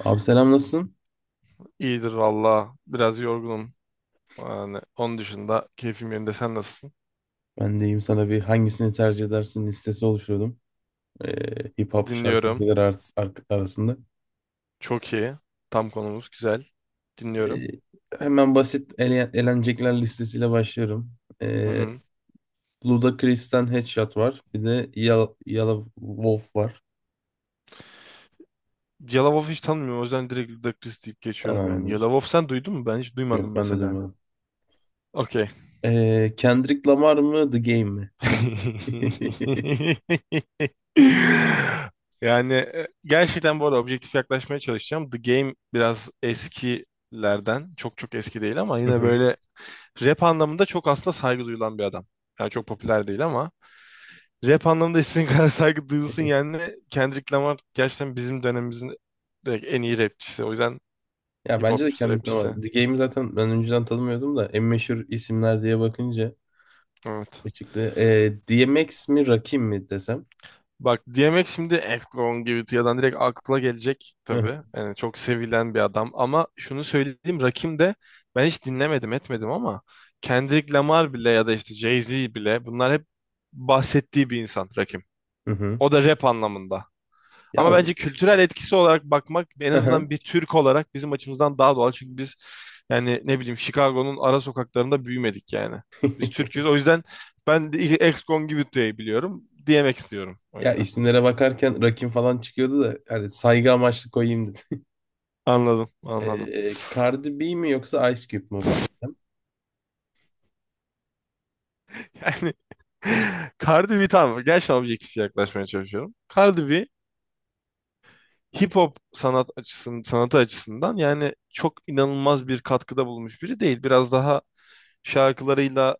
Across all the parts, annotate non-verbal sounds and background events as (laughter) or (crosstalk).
Abi selam nasılsın? İyidir valla. Biraz yorgunum. Yani onun dışında keyfim yerinde. Sen nasılsın? Ben deyim sana bir hangisini tercih edersin listesi oluşturdum. Hip hop Dinliyorum. şarkıcılar arasında. Çok iyi. Tam konumuz güzel. Dinliyorum. Ee, hemen basit elenecekler listesiyle başlıyorum. Hı Ee, hı. Ludacris'ten Headshot var. Bir de Yellow Wolf var. Yalavof hiç tanımıyorum. O yüzden direkt Ludak Chris deyip geçiyorum yani. Tamamdır. Yalavof sen duydun mu? Ben hiç Yok duymadım ben de mesela. duymadım. Okey. Kendrick Lamar mı The Game mi? (laughs) (laughs) Yani gerçekten bu arada objektif yaklaşmaya çalışacağım. The Game biraz eskilerden. Çok çok eski değil ama Hı yine hı. böyle rap anlamında çok aslında saygı duyulan bir adam. Yani çok popüler değil ama. Rap anlamında istediğin (laughs) kadar saygı duyulsun (laughs) yani. Kendrick Lamar gerçekten bizim dönemimizin direkt en iyi rapçisi. O yüzden Ya hip bence de hopçusu, Kendrick Lamar. rapçisi. The Game'i zaten ben önceden tanımıyordum da en meşhur isimler diye bakınca Evet. çıktı. DMX mi Rakim mi desem? Bak DMX şimdi Akon gibi Excongivitia'dan direkt akla gelecek Hı hı. tabii. Yani çok sevilen bir adam ama şunu söyleyeyim Rakim de ben hiç dinlemedim etmedim ama Kendrick Lamar bile ya da işte Jay-Z bile bunlar hep bahsettiği bir insan Rakim. Hı hı. O da rap anlamında. Ya Ama bence kültürel etkisi olarak bakmak en hı hı. azından bir Türk olarak bizim açımızdan daha doğal. Çünkü biz yani ne bileyim Chicago'nun ara sokaklarında büyümedik yani. Biz Türk'üz. O (laughs) yüzden ben de ex-Congivite'yi biliyorum diyemek istiyorum o Ya yüzden. isimlere bakarken Rakim falan çıkıyordu da yani saygı amaçlı koyayım dedim. (laughs) Anladım, anladım. Cardi B mi yoksa Ice Cube mu? Yani (laughs) Cardi B tamam gerçekten objektif yaklaşmaya çalışıyorum. Cardi B hip hop sanatı açısından yani çok inanılmaz bir katkıda bulunmuş biri değil. Biraz daha şarkılarıyla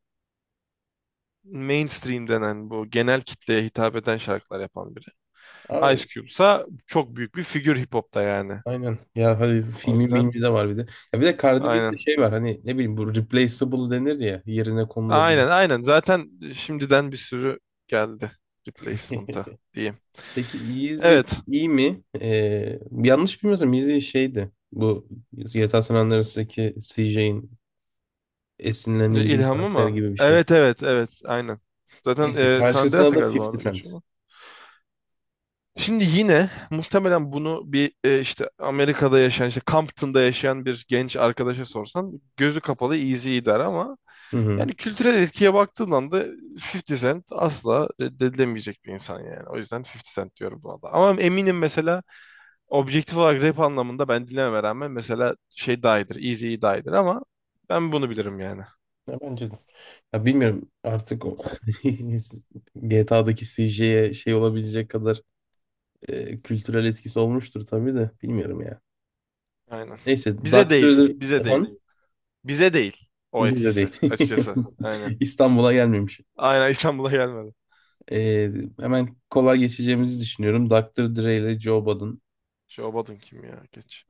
mainstream denen bu genel kitleye hitap eden şarkılar yapan biri. Ice Abi, Cube'sa çok büyük bir figür hip hop'ta yani. aynen. Ya hadi O filmi yüzden mimi de var bir de. Ya bir de Cardi B'de aynen. şey var, hani ne bileyim, bu replaceable denir ya, yerine konulabilir. Aynen aynen. Zaten şimdiden bir sürü geldi replacement'a (laughs) diyeyim. Peki Yeezy Evet. iyi mi? Yanlış bilmiyorsam Yeezy şeydi. Bu yatağı sananların CJ'in esinlenildiği İlhamı karakter mı? gibi bir şey. Evet evet evet aynen. Zaten Neyse San karşısına Andreas'a da galiba 50 orada Cent. geçiyor. Şimdi yine muhtemelen bunu bir işte Amerika'da yaşayan, işte Compton'da yaşayan bir genç arkadaşa sorsan gözü kapalı easy der ama Hı hı. yani kültürel etkiye baktığın anda 50 Cent asla reddedilemeyecek bir insan yani. O yüzden 50 Cent diyorum buna da. Ama eminim mesela objektif olarak rap anlamında ben dinlememe rağmen mesela şey daha iyidir, easy daha iyidir ama ben bunu bilirim yani. Ya bence de. Ya bilmiyorum artık o, (laughs) GTA'daki CJ'ye şey olabilecek kadar kültürel etkisi olmuştur tabii de bilmiyorum ya. Aynen. Neyse Bize değil, Doctor bize değil. efendim Bize değil o bizde etkisi değil. açıkçası. Aynen. (laughs) İstanbul'a gelmemiş. Aynen İstanbul'a gelmedi. E, hemen kolay geçeceğimizi düşünüyorum. Dr. Dre ile Joe Budden. (laughs) Şobat'ın kim ya? Geç.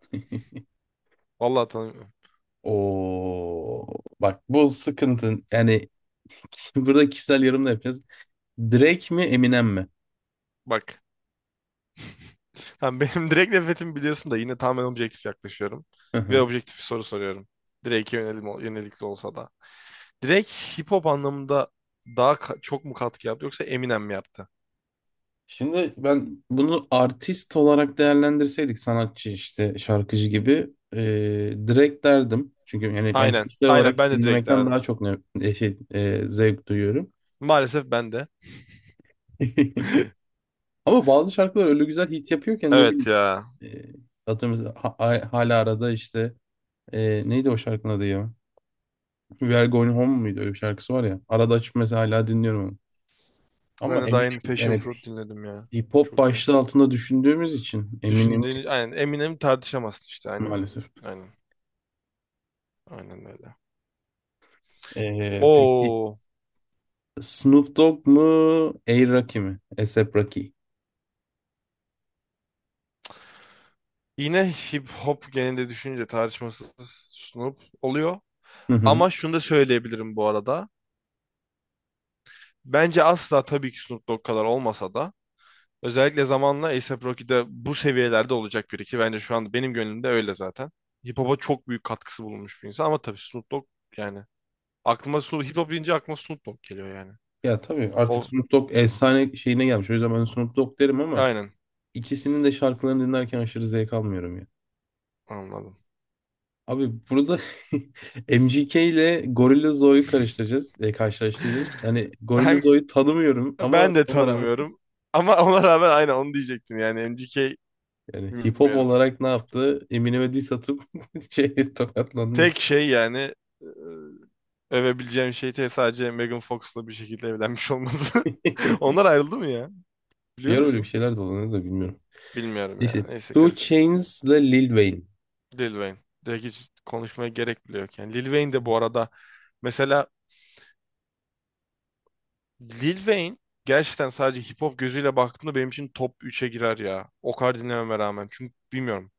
Vallahi tanımıyorum. O, bak bu sıkıntı. Yani (laughs) burada kişisel yorum da yapacağız. Drake mi Eminem mi? Bak. Tamam, benim (laughs) direkt nefretimi biliyorsun da yine tamamen objektif yaklaşıyorum. Hı Ve hı. objektif bir soru soruyorum. Drake'e yönelikli olsa da. Drake hip hop anlamında daha çok mu katkı yaptı yoksa Eminem mi yaptı? Şimdi ben bunu artist olarak değerlendirseydik, sanatçı işte şarkıcı gibi, Drake derdim. Çünkü yani ben Aynen. kişisel Aynen ben olarak de Drake dinlemekten daha derdim. çok ne, şey, zevk duyuyorum. Maalesef ben de. (laughs) (laughs) Ama bazı şarkılar öyle güzel hit yapıyorken ne Evet bileyim. ya. E, atıyorum mesela hala arada işte, neydi o şarkının adı ya? We Are Going Home muydu? Öyle bir şarkısı var ya. Arada açıp mesela hala dinliyorum onu. Ama Ben de daha yeni eminim Passion yani Fruit dinledim ya. hip hop Çok iyi. başlığı altında düşündüğümüz için Düşündüğünü aynen Eminem tartışamazsın işte aynen. maalesef. Aynen. Aynen öyle. Peki Oo. Snoop Dogg mu? A. Rocky mi? A$AP Rocky. Yine hip hop genelinde düşününce tartışmasız Snoop oluyor. Hı hı. Ama şunu da söyleyebilirim bu arada. Bence asla tabii ki Snoop Dogg kadar olmasa da özellikle zamanla A$AP Rocky'de bu seviyelerde olacak biri ki bence şu an benim gönlümde öyle zaten. Hip hop'a çok büyük katkısı bulunmuş bir insan ama tabii Snoop Dogg yani aklıma Snoop hip hop deyince aklıma Snoop Dogg geliyor yani. Ya tabii artık O Snoop Dogg efsane şeyine gelmiş. O yüzden ben Snoop Dogg derim, ama aynen ikisinin de şarkılarını dinlerken aşırı zevk almıyorum ya. anladım. Abi burada (laughs) MGK ile Zoe'yu karşılaştıracağız. (laughs) Yani Ben, Zoe'yu tanımıyorum, ama ben de ona rağmen, tanımıyorum ama ona rağmen aynen onu diyecektim yani MGK yani hip hop bilmiyorum. olarak ne yaptı? Eminem'e diss atıp (laughs) şey tokatlandı. Tek şey yani e, övebileceğim şey sadece Megan Fox'la bir şekilde evlenmiş olması. (laughs) (laughs) Onlar ayrıldı mı ya? Biliyor Bir ara öyle bir musun? şeyler dolanıyor da bilmiyorum. Bilmiyorum ya. Neyse. Neyse Two garip. Chains'la Lil Wayne. Lil Wayne. Direkt hiç konuşmaya gerek bile yok. Yani Lil Wayne de bu arada mesela Lil Wayne gerçekten sadece hip hop gözüyle baktığımda benim için top üçe girer ya. O kadar dinlememe rağmen. Çünkü bilmiyorum.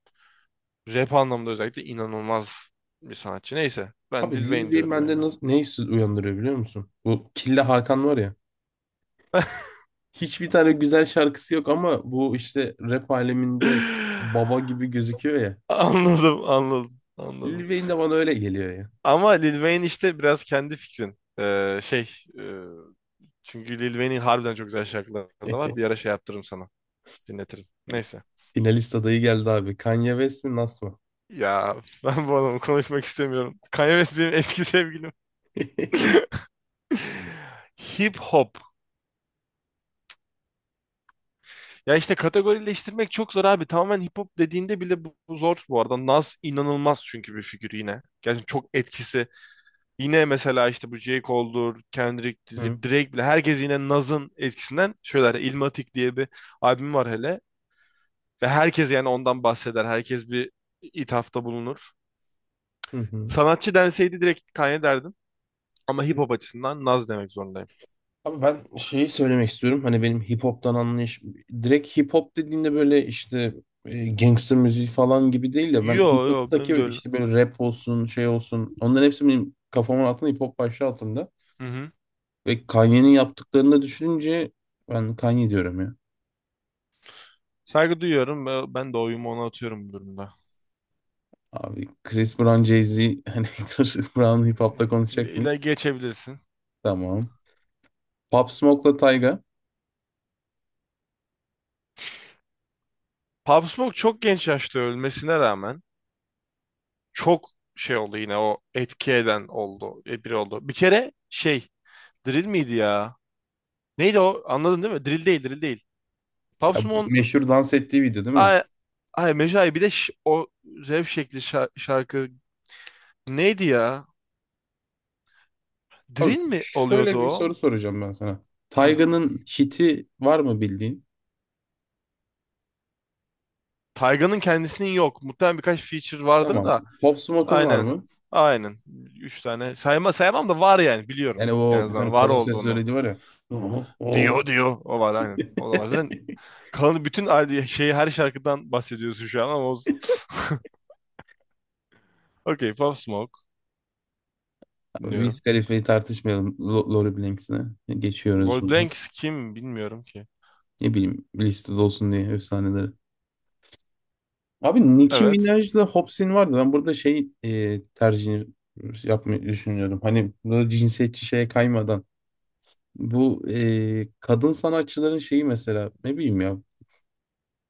Rap anlamında özellikle inanılmaz bir sanatçı. Neyse ben Abi Lil Lil Wayne Wayne diyorum yani. bende nasıl, ne hissi uyandırıyor biliyor musun? Bu Killa Hakan var ya. Hiçbir tane güzel şarkısı yok ama bu işte rap aleminde baba gibi gözüküyor ya. (laughs) Anladım, anladım, Lil anladım. Wayne de bana öyle geliyor ya. Ama Lil Wayne işte biraz kendi fikrin. E, çünkü Lil Wayne'in harbiden çok güzel şarkıları da var. Bir (laughs) ara şey yaptırırım sana. Dinletirim. Neyse. Finalist adayı geldi abi. Kanye West mi Nas mı? Ya (laughs) ben bu adamı konuşmak istemiyorum. Kanye West benim eski sevgilim. (laughs) (laughs) Hip hop. Ya işte kategorileştirmek çok zor abi. Tamamen hip hop dediğinde bile bu zor bu arada. Nas inanılmaz çünkü bir figür yine. Gerçekten çok etkisi. Yine mesela işte bu J. Cole'dur, Hı, Kendrick'tir, Drake bile herkes yine Nas'ın etkisinden şöyle Illmatic diye bir albüm var hele. Ve herkes yani ondan bahseder. Herkes bir ithafta bulunur. hı, hı. Sanatçı denseydi direkt Kanye derdim. Ama hip hop açısından Naz demek zorundayım. Abi ben şeyi söylemek istiyorum. Hani benim hip hop'tan anlayış, direkt hip hop dediğinde böyle işte, gangster müziği falan gibi değil de, ben Yo hip yo hop'taki benim de öyle. işte böyle rap olsun, şey olsun, onların hepsi benim kafamın altında hip hop başlığı altında. Hı hı. Ve Kanye'nin yaptıklarını da düşününce ben Kanye diyorum ya. Saygı duyuyorum ve ben de oyumu ona atıyorum bu durumda. Abi Chris Brown, Jay-Z, (laughs) hani Chris Brown hip hop'ta Şimdi konuşacak mıyız? ile geçebilirsin. Tamam. Pop Smoke'la Tyga. Pop Smoke çok genç yaşta ölmesine rağmen çok şey oldu yine o etki eden oldu. Biri oldu. Bir kere şey Drill miydi ya? Neydi o? Anladın değil mi? Drill değil, Drill değil. Pop Ya meşhur dans ettiği video değil mi? Ay, ay Mecai bir de o rap şekli şarkı neydi ya? Abi Drill mi oluyordu şöyle bir soru o? soracağım ben sana. Hmm. Tayga'nın hiti var mı bildiğin? Tayga'nın kendisinin yok. Muhtemelen birkaç feature vardır Tamam. da. Pop Smoke'un var Aynen. mı? Aynen. 3 tane. Sayamam da var yani biliyorum. Yani En o bir tane azından var kalın ses olduğunu. söyledi var ya. (laughs) Oo. Oo. Diyor diyor. O var aynen. O da var. Zaten kalanı bütün şeyi her şarkıdan bahsediyorsun şu an ama olsun. (laughs) Okey. Pop Smoke. Abi Wiz Dinliyorum. Khalifa'yı tartışmayalım. Lori Blanks'ine. Geçiyoruz Lloyd bunu. Banks kim bilmiyorum ki. Ne bileyim, listede olsun diye efsaneleri. Abi Nicki Evet. Minaj'la Hops'in vardı. Ben burada şey, tercih yapmayı düşünüyorum. Hani burada cinsiyetçi şeye kaymadan. Bu kadın sanatçıların şeyi, mesela ne bileyim ya.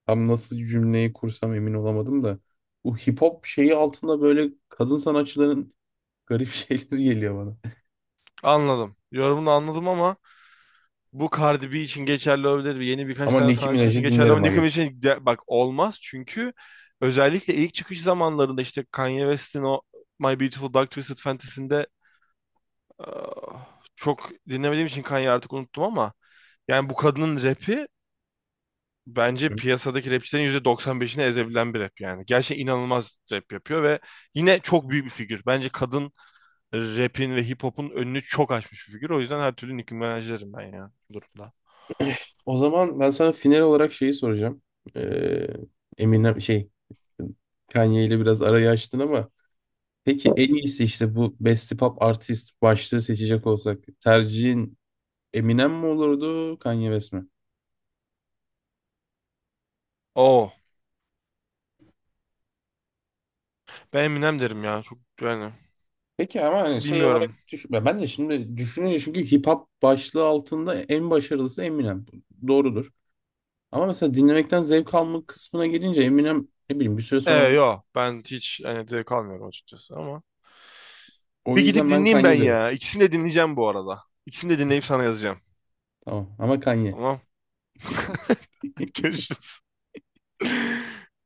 Tam nasıl cümleyi kursam emin olamadım da. Bu hip hop şeyi altında böyle kadın sanatçıların garip (laughs) şeyleri geliyor bana. Anladım. Yorumunu anladım ama bu Cardi B için geçerli olabilir. Yeni birkaç Ama tane Nicki sanatçı için Minaj'ı geçerli ama dinlerim Nicki aga. Minaj için bak olmaz. Çünkü özellikle ilk çıkış zamanlarında işte Kanye West'in o My Beautiful Dark Twisted Fantasy'inde ah, çok dinlemediğim için Kanye'yi artık unuttum ama yani bu kadının rapi bence Hı? piyasadaki rapçilerin %95'ini ezebilen bir rap yani. Gerçekten inanılmaz rap yapıyor ve yine çok büyük bir figür. Bence kadın rapin ve hip hop'un önünü çok açmış bir figür. O yüzden her türlü Nicki Minaj'lerim ben ya bu durumda. O zaman ben sana final olarak şeyi soracağım. Ee, Eminem şey, Kanye ile biraz arayı açtın ama peki en iyisi işte, bu Best Pop Artist başlığı seçecek olsak, tercihin Eminem mi olurdu, Kanye West mi? Oo. Ben Eminem derim ya. Çok yani. Peki ama hani şey olarak Bilmiyorum. düşün, ben de şimdi düşününce, çünkü hip hop başlığı altında en başarılısı Eminem. Doğrudur. Ama mesela dinlemekten zevk alma kısmına gelince Eminem ne bileyim bir süre Ee sonra, yo. Ben hiç yani zevk almıyorum açıkçası ama. o Bir gidip yüzden ben dinleyeyim ben Kanye derim. ya. İkisini de dinleyeceğim bu arada. İkisini de dinleyip sana yazacağım. Tamam ama Kanye. Tamam. (laughs) Görüşürüz.